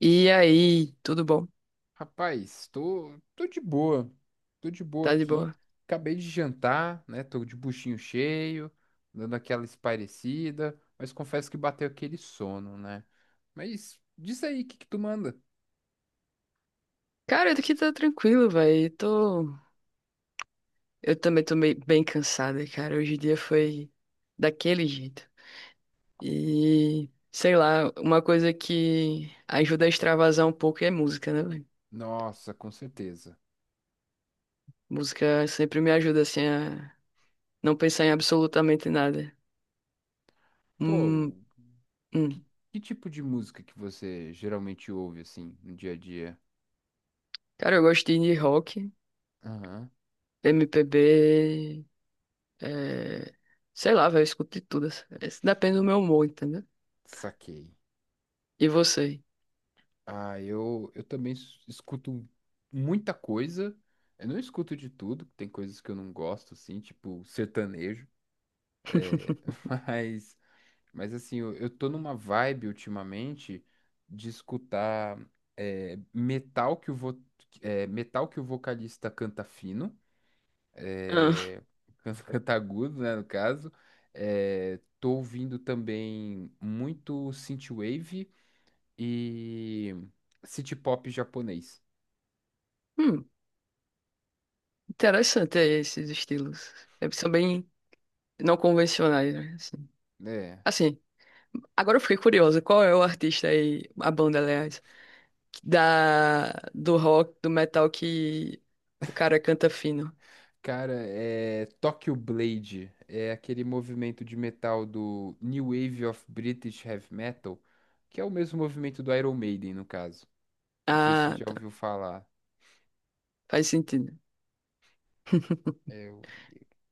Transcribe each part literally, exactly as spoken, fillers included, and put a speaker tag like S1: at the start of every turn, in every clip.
S1: E aí, tudo bom?
S2: Rapaz, tô, tô de boa. Tô de boa
S1: Tá de
S2: aqui.
S1: boa?
S2: Acabei de jantar, né? Tô de buchinho cheio, dando aquela espairecida, mas confesso que bateu aquele sono, né? Mas diz aí, o que que tu manda?
S1: Cara, eu aqui tá tranquilo, velho. Tô... Eu também tô meio, bem cansada, cara. Hoje o dia foi daquele jeito. E, sei lá, uma coisa que ajuda a extravasar um pouco é música, né, velho?
S2: Nossa, com certeza.
S1: Música sempre me ajuda, assim, a não pensar em absolutamente nada. Hum,
S2: Pô, que,
S1: hum.
S2: que tipo de música que você geralmente ouve, assim, no dia a dia?
S1: Cara, eu gosto de indie rock,
S2: Aham,
S1: M P B, é... sei lá, velho, eu escuto de tudo. Assim. Depende do meu humor, entendeu?
S2: saquei.
S1: E você?
S2: Ah, eu, eu também s- escuto muita coisa. Eu não escuto de tudo, tem coisas que eu não gosto, assim, tipo sertanejo. é, mas, mas, assim, eu, eu tô numa vibe ultimamente de escutar é, metal que o vo, é, metal que o vocalista canta fino,
S1: Ah.
S2: é, canta canta agudo, né, no caso. É, tô ouvindo também muito synthwave e city pop japonês.
S1: Hum. Interessante é, esses estilos. É, são bem não convencionais, né? Assim.
S2: É.
S1: Assim, agora eu fiquei curiosa. Qual é o artista aí, a banda, aliás, da, do rock, do metal que o cara canta fino?
S2: Cara, é Tokyo Blade, é aquele movimento de metal do New Wave of British Heavy Metal, que é o mesmo movimento do Iron Maiden, no caso. Não sei se você
S1: Ah,
S2: já
S1: tá.
S2: ouviu falar.
S1: Faz sentido.
S2: É, o-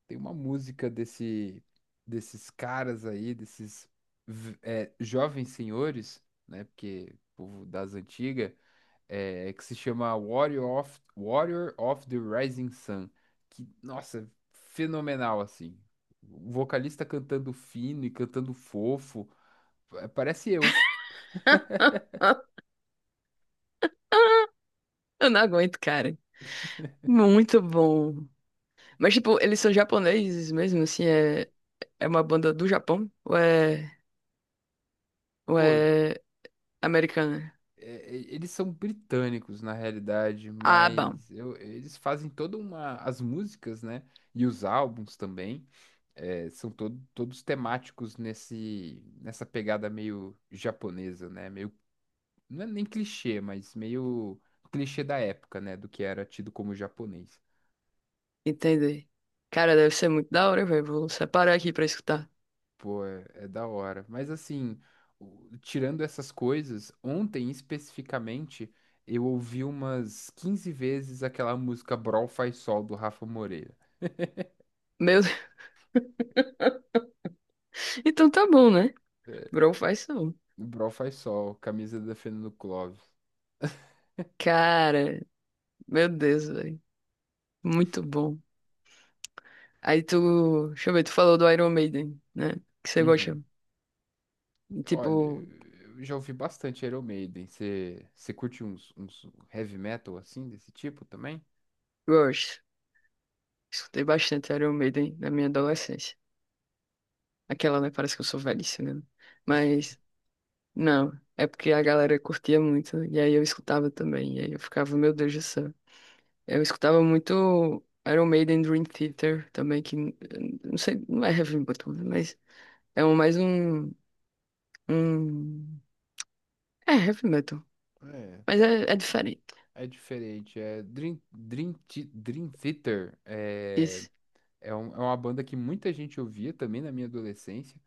S2: tem uma música desse, desses caras aí, desses v- é, jovens senhores, né? Porque povo das antigas, é, que se chama Warrior of, Warrior of the Rising Sun, que, nossa, fenomenal, assim. O vocalista cantando fino e cantando fofo, é, parece eu.
S1: Eu não aguento, cara. Muito bom. Mas, tipo, eles são japoneses mesmo, assim, é, é uma banda do Japão? Ou é, ou
S2: Pô, é,
S1: é americana?
S2: é, eles são britânicos, na realidade,
S1: Ah, bom.
S2: mas eu- eles fazem toda uma... As músicas, né? E os álbuns também, é, são todo- todos temáticos nesse, nessa pegada meio japonesa, né? Meio não é nem clichê, mas meio clichê da época, né? Do que era tido como japonês.
S1: Entendi. Cara, deve ser muito da hora, velho. Vou separar aqui pra escutar.
S2: Pô, é, é da hora. Mas assim, o- tirando essas coisas, ontem especificamente, eu ouvi umas quinze vezes aquela música Brol Faz Sol do Rafa Moreira.
S1: Meu Deus. Então tá bom, né?
S2: É,
S1: Bro faz som.
S2: o Brol Faz Sol, camisa da Fernando Clóvis.
S1: Cara, meu Deus, velho. Muito bom. Aí tu. Deixa eu ver, tu falou do Iron Maiden, né? Que você
S2: Uhum.
S1: gosta. Tipo,
S2: Olha, eu já ouvi bastante Iron Maiden. Você curte uns, uns heavy metal assim, desse tipo também?
S1: Rush. Escutei bastante Iron Maiden na minha adolescência. Aquela, né? Parece que eu sou velhíssimo, né? Mas, não. É porque a galera curtia muito. Né? E aí eu escutava também. E aí eu ficava, meu Deus do céu. Eu escutava muito Iron Maiden, Dream Theater também, que n- não sei, não é heavy metal, né, mas é um, mais um, um... é heavy metal,
S2: É,
S1: mas
S2: tá.
S1: é, é diferente.
S2: É diferente, é Dream, Dream, Thi- Dream Theater é,
S1: Isso,
S2: é, um- é uma banda que muita gente ouvia também na minha adolescência,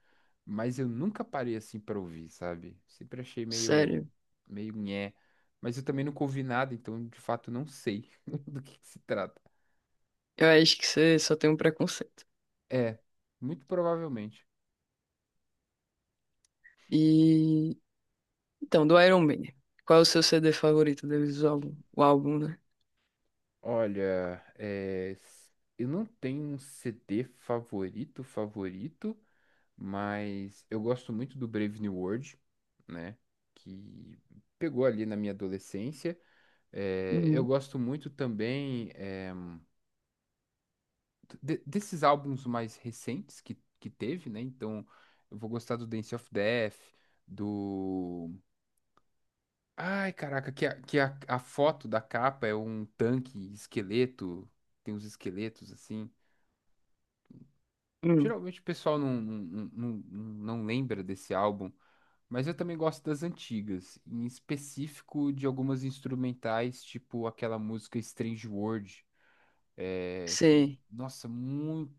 S2: mas eu nunca parei assim pra ouvir, sabe? Sempre achei meio,
S1: sério.
S2: meio nhé, mas eu também nunca ouvi nada, então de fato não sei do que que se trata.
S1: Eu acho que você só tem um preconceito.
S2: É, muito provavelmente.
S1: E... Então, do Iron Maiden, qual é o seu C D favorito deles? O álbum, o álbum, né?
S2: Olha, é, s- eu não tenho um C D favorito, favorito, mas eu gosto muito do Brave New World, né? Que pegou ali na minha adolescência. É, eu
S1: Hum,
S2: gosto muito também é, de- desses álbuns mais recentes que, que teve, né? Então, eu vou gostar do Dance of Death, do. Ai, caraca, que a, que a, a foto da capa é um tanque, esqueleto, tem uns esqueletos assim.
S1: hum.
S2: Geralmente o pessoal não, não, não, não não lembra desse álbum. Mas eu também gosto das antigas, em específico de algumas instrumentais, tipo aquela música Strange World, é, que,
S1: Sim.
S2: nossa, muito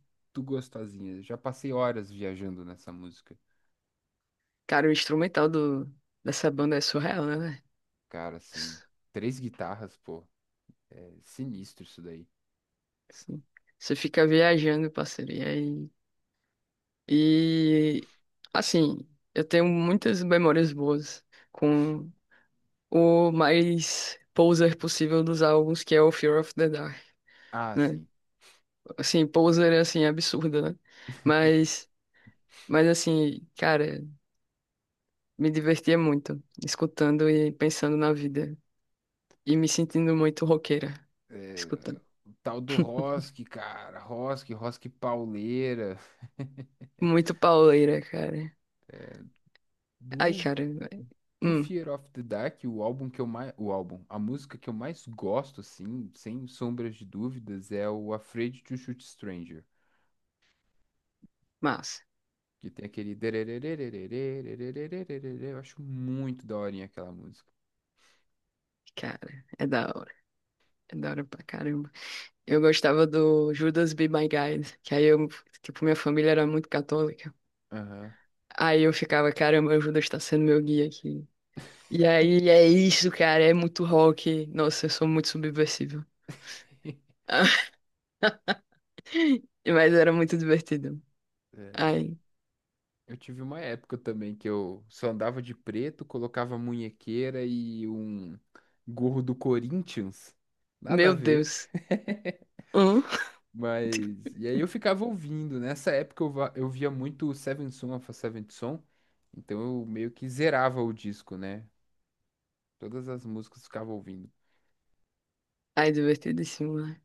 S2: gostosinha. Já passei horas viajando nessa música.
S1: Cara, o instrumental do, dessa banda é surreal, né, velho?
S2: Cara, assim, três guitarras, pô, é sinistro isso daí.
S1: Sim. Você fica viajando, parceiro, e aí... E assim, eu tenho muitas memórias boas com o mais poser possível dos álbuns, que é o Fear of the Dark,
S2: Ah,
S1: né?
S2: sim,
S1: Assim, poser é assim absurdo, né? Mas mas assim, cara, me divertia muito escutando e pensando na vida e me sentindo muito roqueira escutando.
S2: o tal do Rosk, cara, Rosk, Rosk pauleira.
S1: Muito pauleira, cara. Ai,
S2: Do
S1: cara, velho. Hum,
S2: Fire of the Dark, o álbum que eu mais, o álbum, a música que eu mais gosto, assim, sem sombras de dúvidas, é o Afraid to Shoot Stranger,
S1: massa.
S2: que tem aquele, eu acho muito da hora aquela música.
S1: Cara, é da hora. É da hora pra caramba. Eu gostava do Judas Be My Guide, que aí eu, tipo, minha família era muito católica.
S2: Ah.
S1: Aí eu ficava, caramba, o Judas tá sendo meu guia aqui. E aí é isso, cara, é muito rock. Nossa, eu sou muito subversível. Mas era muito divertido. Ai,
S2: Eu tive uma época também que eu só andava de preto, colocava muñequera e um gorro do Corinthians. Nada a
S1: meu
S2: ver.
S1: Deus. Hum?
S2: Mas. E aí eu ficava ouvindo. Nessa época eu, va- eu via muito o Seventh Son of a Seventh Son. Então eu meio que zerava o disco, né? Todas as músicas eu ficava ouvindo.
S1: Ai, divertidíssimo, né?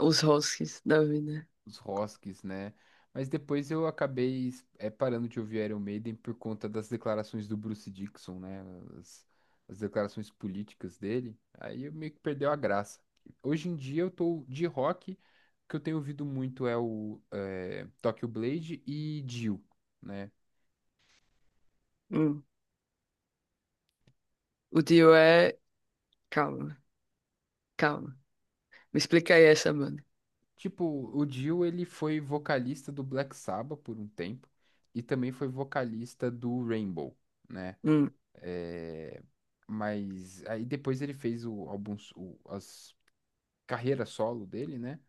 S1: Os rosques da vida.
S2: Os Rosques, né? Mas depois eu acabei é, parando de ouvir Iron Maiden por conta das declarações do Bruce Dickinson, né? As, as declarações políticas dele. Aí eu meio que perdeu a graça. Hoje em dia eu tô de rock. O que eu tenho ouvido muito é o eh, Tokyo Blade e Dio. Né?
S1: Hum. O Dio é. Calma, calma. Me explica aí essa banda.
S2: Tipo, o Dio, ele foi vocalista do Black Sabbath por um tempo e também foi vocalista do Rainbow, né?
S1: Hum.
S2: É, mas aí depois ele fez o álbum, o, as carreira solo dele, né?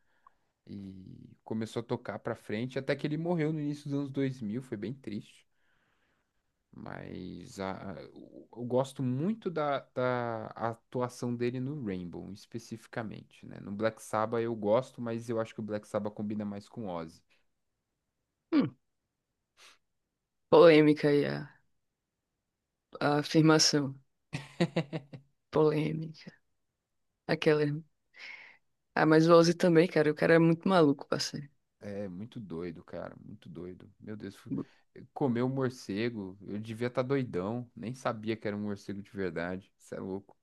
S2: E começou a tocar pra frente, até que ele morreu no início dos anos dois mil, foi bem triste. Mas a, a- eu eu gosto muito da, da atuação dele no Rainbow, especificamente, né? No Black Sabbath eu gosto, mas eu acho que o Black Sabbath combina mais com Ozzy.
S1: Hum. Polêmica aí a, a afirmação. Polêmica. Aquela. Ah, mas o Ozzy também, cara. O cara é muito maluco, parceiro.
S2: É muito doido, cara, muito doido. Meu Deus, fu- comeu um morcego, eu devia estar doidão, nem sabia que era um morcego de verdade. Isso é louco.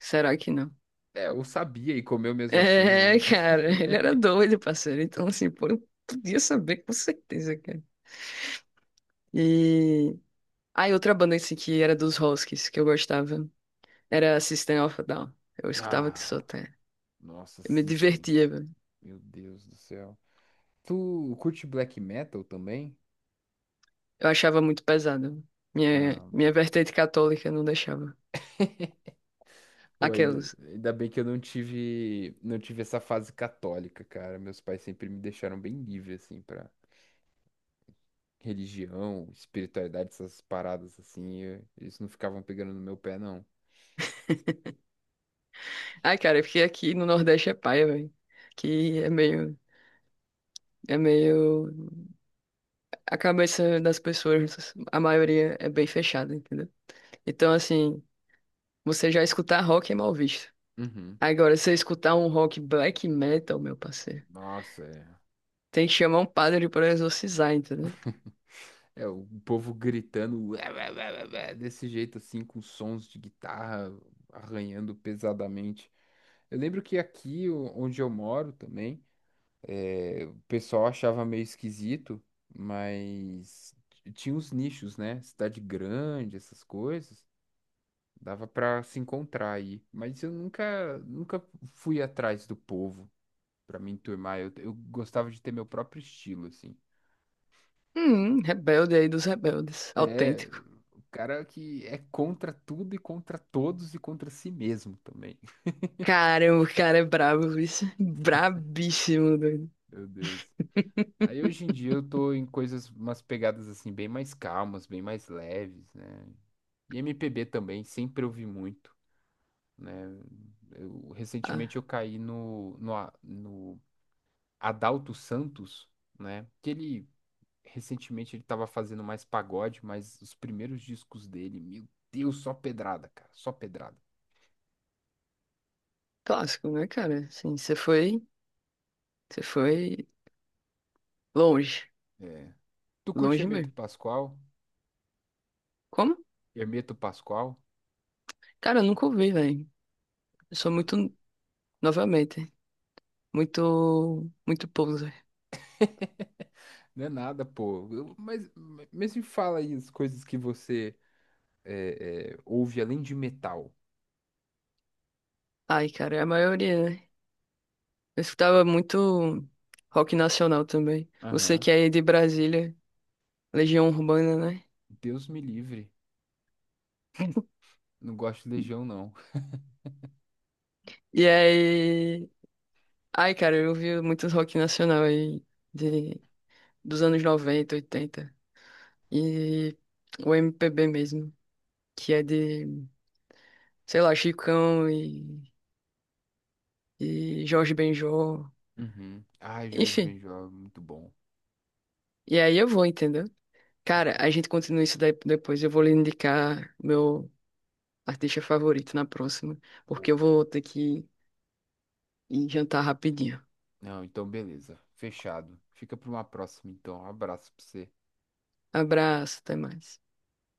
S1: Será que não?
S2: É, eu sabia e comeu mesmo assim,
S1: É,
S2: né?
S1: cara, ele era doido, parceiro. Então, assim, pô, eu podia saber com certeza, cara. E. Ah, e outra banda assim que era dos Huskies, que eu gostava, era System of a Down. Eu escutava que só
S2: Ah,
S1: até.
S2: nossa,
S1: Eu me
S2: assistem.
S1: divertia, velho.
S2: Meu Deus do céu. Tu curte black metal também?
S1: Eu achava muito pesado. Minha,
S2: Ah,
S1: minha vertente católica não deixava.
S2: pô, ainda,
S1: Aquelas.
S2: ainda bem que eu não tive, não tive essa fase católica, cara. Meus pais sempre me deixaram bem livre assim para religião, espiritualidade, essas paradas assim, eu- eles não ficavam pegando no meu pé, não.
S1: Ai, cara, porque aqui no Nordeste é paia, velho. Que é meio. É meio. A cabeça das pessoas, a maioria é bem fechada, entendeu? Então, assim, você já escutar rock é mal visto.
S2: Uhum.
S1: Agora, se você escutar um rock black metal, meu parceiro,
S2: Nossa, é.
S1: tem que chamar um padre pra exorcizar, entendeu?
S2: É, o povo gritando "Ué, ué, ué, ué, ué", desse jeito assim, com sons de guitarra arranhando pesadamente. Eu lembro que aqui, o- onde eu moro também, é, o pessoal achava meio esquisito, mas t- tinha uns nichos, né? Cidade grande, essas coisas. Dava pra se encontrar aí, mas eu nunca, nunca fui atrás do povo. Pra me enturmar. Eu, eu gostava de ter meu próprio estilo, assim.
S1: Hum, rebelde aí dos rebeldes,
S2: É,
S1: autêntico.
S2: o cara que é contra tudo e contra todos e contra si mesmo também.
S1: Caramba, o cara é brabo, isso. Brabíssimo, doido.
S2: Meu Deus. Aí hoje em dia eu tô em coisas, umas pegadas assim, bem mais calmas, bem mais leves, né? E M P B também, sempre ouvi muito, né? Eu,
S1: Ah,
S2: recentemente eu caí no, no, A- no Adalto Santos, né? Que ele recentemente ele tava fazendo mais pagode, mas os primeiros discos dele, meu Deus, só pedrada, cara, só pedrada.
S1: clássico, né, cara? Assim, você foi, você foi longe,
S2: É. Tu curte
S1: longe
S2: Hermeto
S1: mesmo.
S2: Pascoal?
S1: Como?
S2: Hermeto Pascoal?
S1: Cara, eu nunca ouvi, velho. Eu sou muito, novamente. muito, muito poser.
S2: Não é nada, pô. Eu- mas, mas me fala aí as coisas que você é, é, ouve além de metal.
S1: Ai, cara, é a maioria, né? Eu escutava muito rock nacional também. Você
S2: Aham.
S1: que é de Brasília, Legião Urbana, né?
S2: Deus me livre. Não gosto de Legião, não.
S1: E aí, ai, cara, eu ouvi muito rock nacional aí de dos anos noventa oitenta e o M P B mesmo, que é de, sei lá, Chicão e, e Jorge Benjor,
S2: Uhum. Ai, Jorge
S1: enfim.
S2: Benjor, muito bom.
S1: E aí eu vou, entendeu? Cara, a gente continua isso daí depois. Eu vou lhe indicar meu artista favorito na próxima, porque eu
S2: Ou.
S1: vou ter que ir jantar rapidinho.
S2: Não, então beleza. Fechado. Fica pra uma próxima, então. Um abraço pra você.
S1: Abraço, até mais.